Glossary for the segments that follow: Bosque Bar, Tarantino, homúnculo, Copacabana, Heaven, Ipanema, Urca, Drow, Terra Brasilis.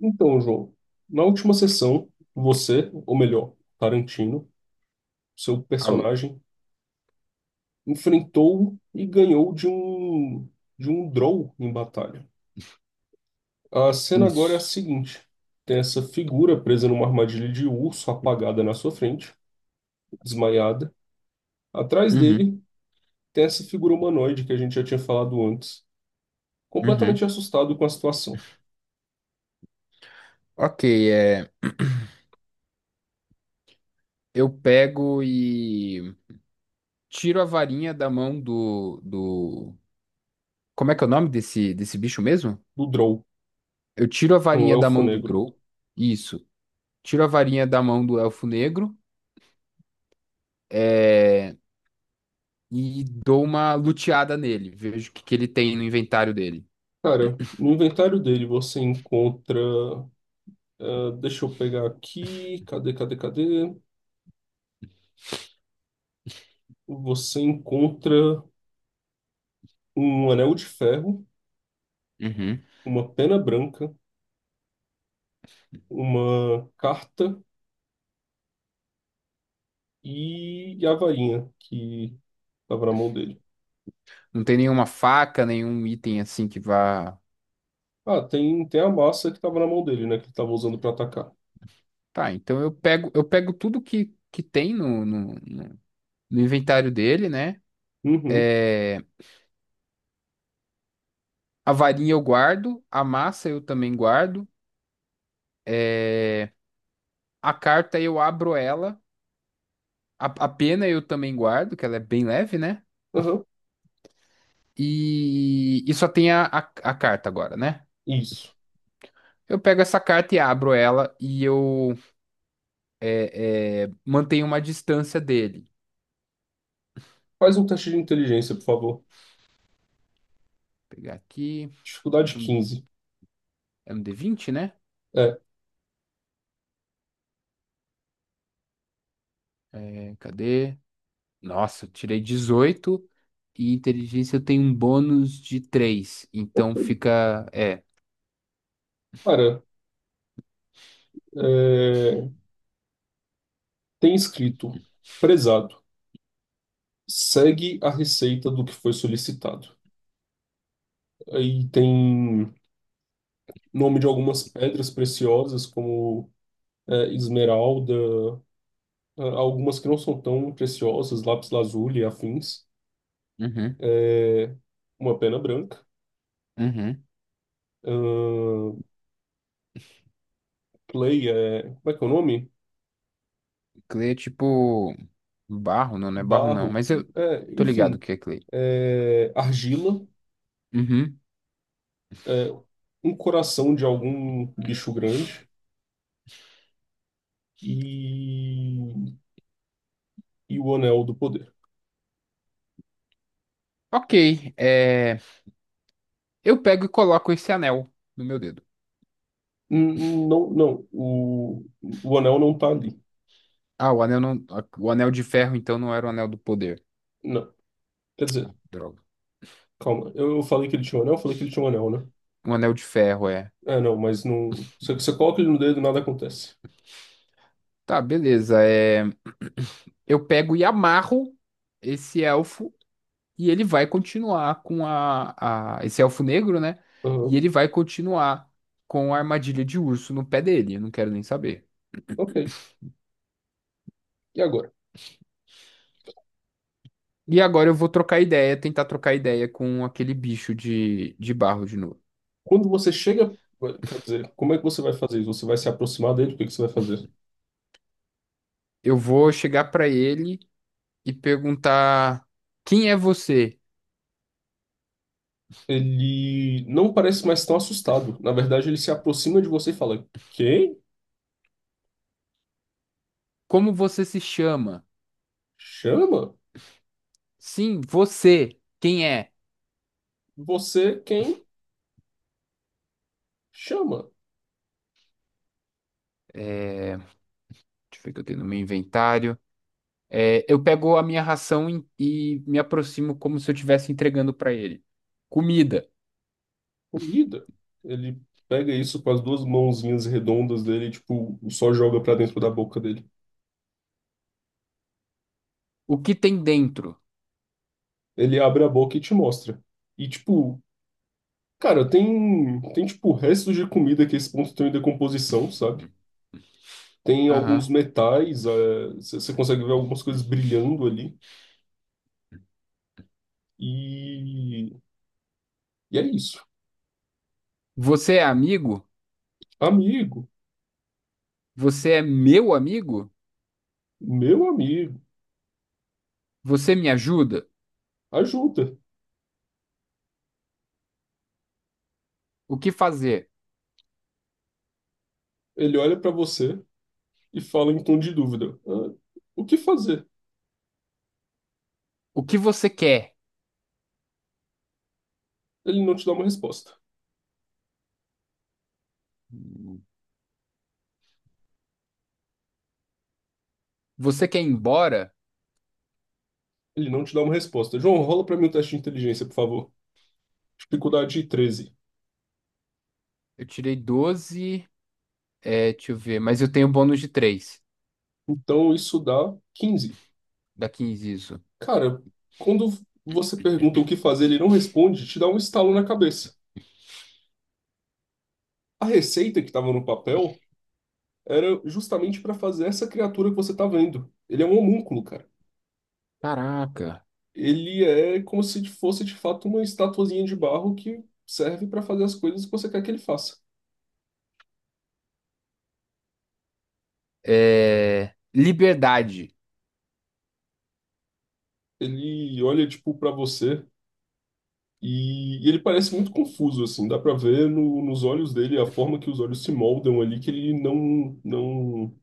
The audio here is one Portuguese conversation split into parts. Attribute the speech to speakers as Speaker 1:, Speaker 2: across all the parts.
Speaker 1: Então, João, na última sessão, você, ou melhor, Tarantino, seu
Speaker 2: Alô.
Speaker 1: personagem, enfrentou e ganhou de um Drow em batalha. A cena agora é a
Speaker 2: Isso.
Speaker 1: seguinte: tem essa figura presa numa armadilha de urso, apagada na sua frente, desmaiada. Atrás
Speaker 2: Uhum,
Speaker 1: dele tem essa figura humanoide que a gente já tinha falado antes,
Speaker 2: uhum.
Speaker 1: completamente assustado com a situação.
Speaker 2: Ok, é, eu pego e tiro a varinha da mão do... Como é que é o nome desse bicho mesmo?
Speaker 1: Do Drow
Speaker 2: Eu tiro a
Speaker 1: é um
Speaker 2: varinha da
Speaker 1: elfo
Speaker 2: mão do
Speaker 1: negro.
Speaker 2: Drow. Isso. Tiro a varinha da mão do Elfo Negro, é, e dou uma luteada nele. Vejo o que ele tem no inventário dele.
Speaker 1: Cara, no inventário dele você encontra. Ah, deixa eu pegar aqui. Cadê, cadê, cadê? Você encontra um anel de ferro,
Speaker 2: Uhum.
Speaker 1: uma pena branca, uma carta e a varinha que estava na mão dele.
Speaker 2: Não tem nenhuma faca, nenhum item assim que vá.
Speaker 1: Ah, tem a massa que estava na mão dele, né? Que ele estava usando para atacar.
Speaker 2: Tá, então eu pego tudo que tem no inventário dele, né?
Speaker 1: Uhum,
Speaker 2: É, a varinha eu guardo, a massa eu também guardo, é, a carta eu abro ela, a pena eu também guardo, que ela é bem leve, né?
Speaker 1: aham,
Speaker 2: E só tem a carta agora, né?
Speaker 1: isso.
Speaker 2: Eu pego essa carta e abro ela e eu mantenho uma distância dele.
Speaker 1: Faz um teste de inteligência, por favor.
Speaker 2: Vou pegar aqui,
Speaker 1: Dificuldade
Speaker 2: é um,
Speaker 1: 15.
Speaker 2: é um D20, né?
Speaker 1: É,
Speaker 2: Cadê? Nossa, eu tirei 18 e inteligência eu tenho um bônus de três, então fica. É.
Speaker 1: cara, é, tem escrito prezado. Segue a receita do que foi solicitado. Aí tem nome de algumas pedras preciosas, como é, esmeralda, é, algumas que não são tão preciosas, lápis-lazuli e afins,
Speaker 2: Uhum.
Speaker 1: é, uma pena branca,
Speaker 2: Uhum.
Speaker 1: ahn, clay, é, como é que é o nome?
Speaker 2: Clay é tipo barro, não, não é barro não,
Speaker 1: Barro,
Speaker 2: mas eu
Speaker 1: é,
Speaker 2: tô ligado o
Speaker 1: enfim,
Speaker 2: que é clay.
Speaker 1: é, argila,
Speaker 2: Uhum.
Speaker 1: é, um coração de algum bicho grande e, e o anel do poder.
Speaker 2: Ok, eu pego e coloco esse anel no meu dedo.
Speaker 1: Não, não, o anel não tá ali.
Speaker 2: Ah, o anel não, o anel de ferro então não era o anel do poder,
Speaker 1: Não, quer dizer.
Speaker 2: droga.
Speaker 1: Calma, eu falei que ele tinha um anel, eu falei que ele tinha um anel, né?
Speaker 2: O anel de ferro é.
Speaker 1: É, não, mas não. Você coloca ele no dedo e nada acontece.
Speaker 2: Tá, beleza. Eu pego e amarro esse elfo e ele vai continuar com esse elfo negro, né? E
Speaker 1: Aham.
Speaker 2: ele vai continuar com a armadilha de urso no pé dele. Eu não quero nem saber.
Speaker 1: Ok. E agora?
Speaker 2: E agora eu vou trocar ideia, tentar trocar ideia com aquele bicho de barro de novo.
Speaker 1: Quando você chega. Quer dizer, como é que você vai fazer isso? Você vai se aproximar dele? O que que você vai fazer?
Speaker 2: Eu vou chegar pra ele e perguntar: quem é você?
Speaker 1: Ele não parece mais tão assustado. Na verdade, ele se aproxima de você e fala: Quem?
Speaker 2: Como você se chama?
Speaker 1: Chama?
Speaker 2: Sim, você. Quem é?
Speaker 1: Você quem? Chama.
Speaker 2: Deixa eu ver o que eu tenho no meu inventário. Eu pego a minha ração e me aproximo como se eu estivesse entregando pra ele. Comida.
Speaker 1: Comida. Ele pega isso com as duas mãozinhas redondas dele, e, tipo, só joga pra dentro da boca dele.
Speaker 2: O que tem dentro?
Speaker 1: Ele abre a boca e te mostra. E, tipo, cara, tem tipo restos de comida que a esse ponto estão em decomposição, sabe? Tem alguns
Speaker 2: Aham.
Speaker 1: metais, você consegue ver algumas coisas brilhando ali. E, e é isso.
Speaker 2: Você é amigo?
Speaker 1: Amigo,
Speaker 2: Você é meu amigo?
Speaker 1: meu amigo,
Speaker 2: Você me ajuda?
Speaker 1: ajuda.
Speaker 2: O que fazer?
Speaker 1: Ele olha pra você e fala em tom de dúvida: "Ah, o que fazer?"
Speaker 2: O que você quer?
Speaker 1: Ele não te dá uma resposta.
Speaker 2: Você quer ir embora?
Speaker 1: Ele não te dá uma resposta. João, rola pra mim o teste de inteligência, por favor. Dificuldade 13.
Speaker 2: Eu tirei 12. Deixa eu ver. Mas eu tenho um bônus de três.
Speaker 1: Então isso dá 15.
Speaker 2: Dá 15 isso.
Speaker 1: Cara, quando você pergunta o que fazer, ele não responde, te dá um estalo na cabeça. A receita que estava no papel era justamente para fazer essa criatura que você tá vendo. Ele é um homúnculo, cara.
Speaker 2: Caraca.
Speaker 1: Ele é como se fosse de fato uma estatuazinha de barro que serve para fazer as coisas que você quer que ele faça.
Speaker 2: Liberdade.
Speaker 1: Ele olha tipo para você e ele parece muito confuso assim, dá para ver nos olhos dele a forma que os olhos se moldam ali que ele não não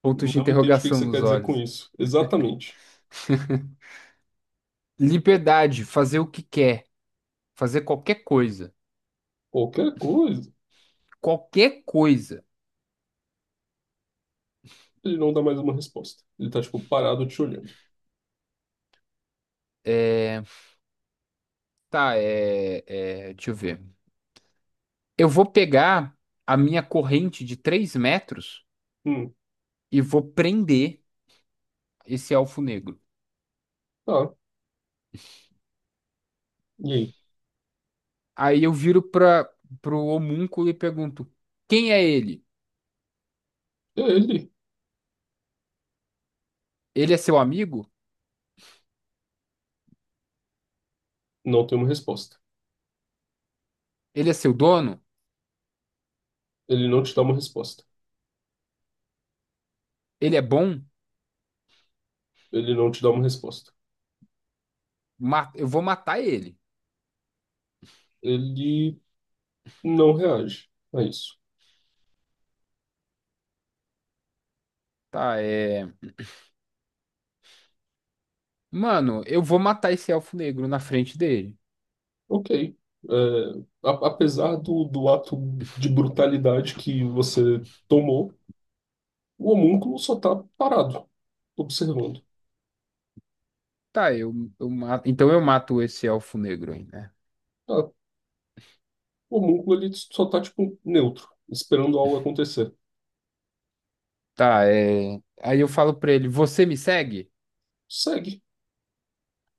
Speaker 2: Pontos de
Speaker 1: não entende o que que
Speaker 2: interrogação
Speaker 1: você
Speaker 2: nos
Speaker 1: quer dizer com
Speaker 2: olhos.
Speaker 1: isso. Exatamente.
Speaker 2: Liberdade. Fazer o que quer. Fazer qualquer coisa.
Speaker 1: Qualquer coisa,
Speaker 2: Qualquer coisa.
Speaker 1: ele não dá mais uma resposta. Ele tá, tipo, parado te olhando.
Speaker 2: É, tá, deixa eu ver. Eu vou pegar a minha corrente de 3 metros
Speaker 1: Hum,
Speaker 2: e vou prender esse elfo negro.
Speaker 1: tá. E aí?
Speaker 2: Aí eu viro para pro homúnculo e pergunto: quem é ele?
Speaker 1: E aí, ele
Speaker 2: Ele é seu amigo?
Speaker 1: não tem uma resposta.
Speaker 2: Ele é seu dono?
Speaker 1: Ele não te dá uma resposta.
Speaker 2: Ele é bom?
Speaker 1: Ele não te dá uma resposta.
Speaker 2: Eu vou matar ele.
Speaker 1: Ele não reage a isso.
Speaker 2: Tá, Mano, eu vou matar esse elfo negro na frente dele.
Speaker 1: Ok. É, apesar do ato de brutalidade que você tomou, o homúnculo só tá parado, observando.
Speaker 2: Tá, então eu mato esse elfo negro aí, né?
Speaker 1: Tá. O homúnculo, ele só tá, tipo, neutro, esperando algo acontecer.
Speaker 2: Tá, Aí eu falo pra ele: você me segue?
Speaker 1: Segue.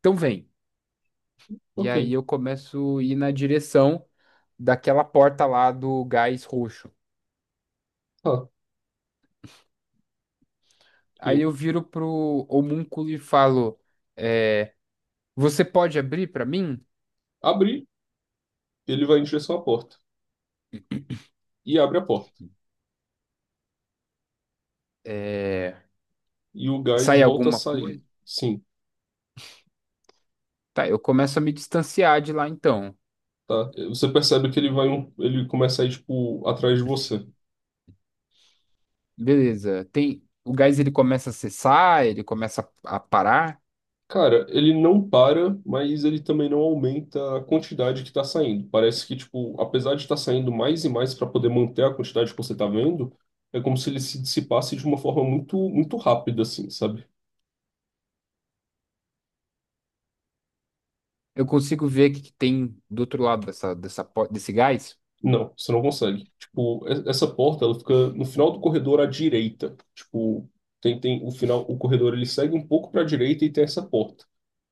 Speaker 2: Então vem. E aí
Speaker 1: Ok.
Speaker 2: eu começo a ir na direção daquela porta lá do gás roxo.
Speaker 1: Tá.
Speaker 2: Aí
Speaker 1: Ok.
Speaker 2: eu viro pro homúnculo e falo: é, você pode abrir pra mim?
Speaker 1: Abrir. Ele vai em direção à porta e abre a porta.
Speaker 2: É,
Speaker 1: E o gás
Speaker 2: sai
Speaker 1: volta a
Speaker 2: alguma
Speaker 1: sair.
Speaker 2: coisa?
Speaker 1: Sim,
Speaker 2: Tá, eu começo a me distanciar de lá então.
Speaker 1: tá? Você percebe que ele vai, ele começa a ir, tipo, atrás de você.
Speaker 2: Beleza. Tem, o gás ele começa a cessar, ele começa a parar.
Speaker 1: Cara, ele não para, mas ele também não aumenta a quantidade que tá saindo. Parece que, tipo, apesar de estar saindo mais e mais para poder manter a quantidade que você tá vendo, é como se ele se dissipasse de uma forma muito, muito rápida, assim, sabe?
Speaker 2: Eu consigo ver o que tem do outro lado desse gás.
Speaker 1: Não, você não consegue. Tipo, essa porta, ela fica no final do corredor à direita. Tipo, tem, o final, o corredor ele segue um pouco para a direita e tem essa porta.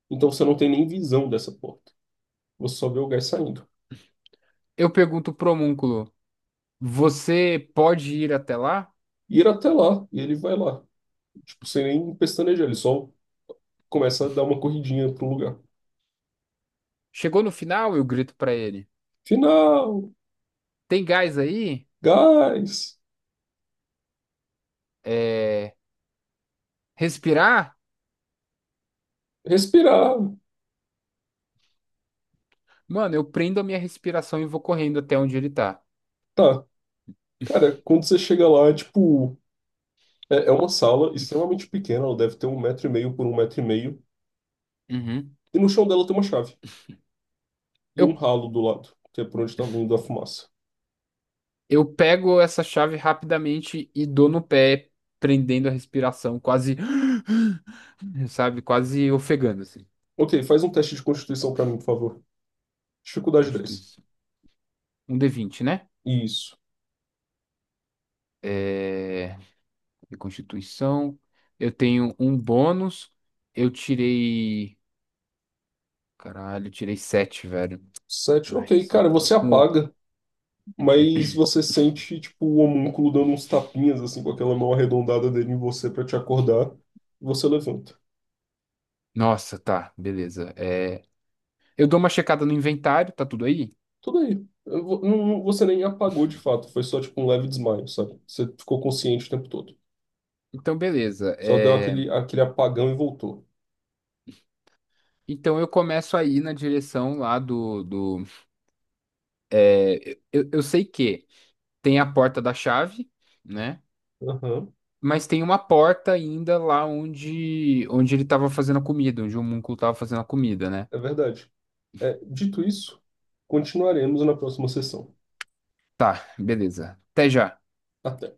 Speaker 1: Então você não tem nem visão dessa porta. Você só vê o gás saindo.
Speaker 2: Eu pergunto pro homúnculo: você pode ir até lá?
Speaker 1: E ir até lá, e ele vai lá. Tipo, sem nem pestanejar, ele só começa a dar uma corridinha pro lugar.
Speaker 2: Chegou no final, eu grito pra ele:
Speaker 1: Final!
Speaker 2: tem gás aí?
Speaker 1: Gás!
Speaker 2: É, respirar?
Speaker 1: Respirar!
Speaker 2: Mano, eu prendo a minha respiração e vou correndo até onde ele tá.
Speaker 1: Tá. Cara, quando você chega lá, tipo, é uma sala extremamente pequena, ela deve ter um metro e meio por um metro e meio.
Speaker 2: Uhum.
Speaker 1: E no chão dela tem uma chave e
Speaker 2: Eu,
Speaker 1: um ralo do lado, que é por onde estava vindo a fumaça.
Speaker 2: eu pego essa chave rapidamente e dou no pé, prendendo a respiração, quase, sabe? Quase ofegando, assim.
Speaker 1: Ok, faz um teste de constituição para mim, por favor. Dificuldade 10.
Speaker 2: Constituição. Um D20, né?
Speaker 1: Isso.
Speaker 2: É... e Constituição. Eu tenho um bônus. Eu tirei. Caralho, eu tirei sete, velho.
Speaker 1: 7.
Speaker 2: Ai,
Speaker 1: Ok, cara, você apaga, mas você sente, tipo, o homúnculo dando uns tapinhas, assim, com aquela mão arredondada dele em você para te acordar. E você levanta.
Speaker 2: Nossa, tá, beleza. Eu dou uma checada no inventário, tá tudo aí?
Speaker 1: Tudo aí. Eu vo- não- não- Você nem apagou de fato, foi só, tipo, um leve desmaio, sabe? Você ficou consciente o tempo todo.
Speaker 2: Então, beleza.
Speaker 1: Só deu aquele, apagão e voltou.
Speaker 2: Então, eu começo a ir na direção lá Eu sei que tem a porta da chave, né?
Speaker 1: Aham,
Speaker 2: Mas tem uma porta ainda lá onde ele estava fazendo a comida, onde o homúnculo estava fazendo a comida, né?
Speaker 1: é verdade. É, dito isso, continuaremos na próxima sessão.
Speaker 2: Tá, beleza. Até já.
Speaker 1: Até.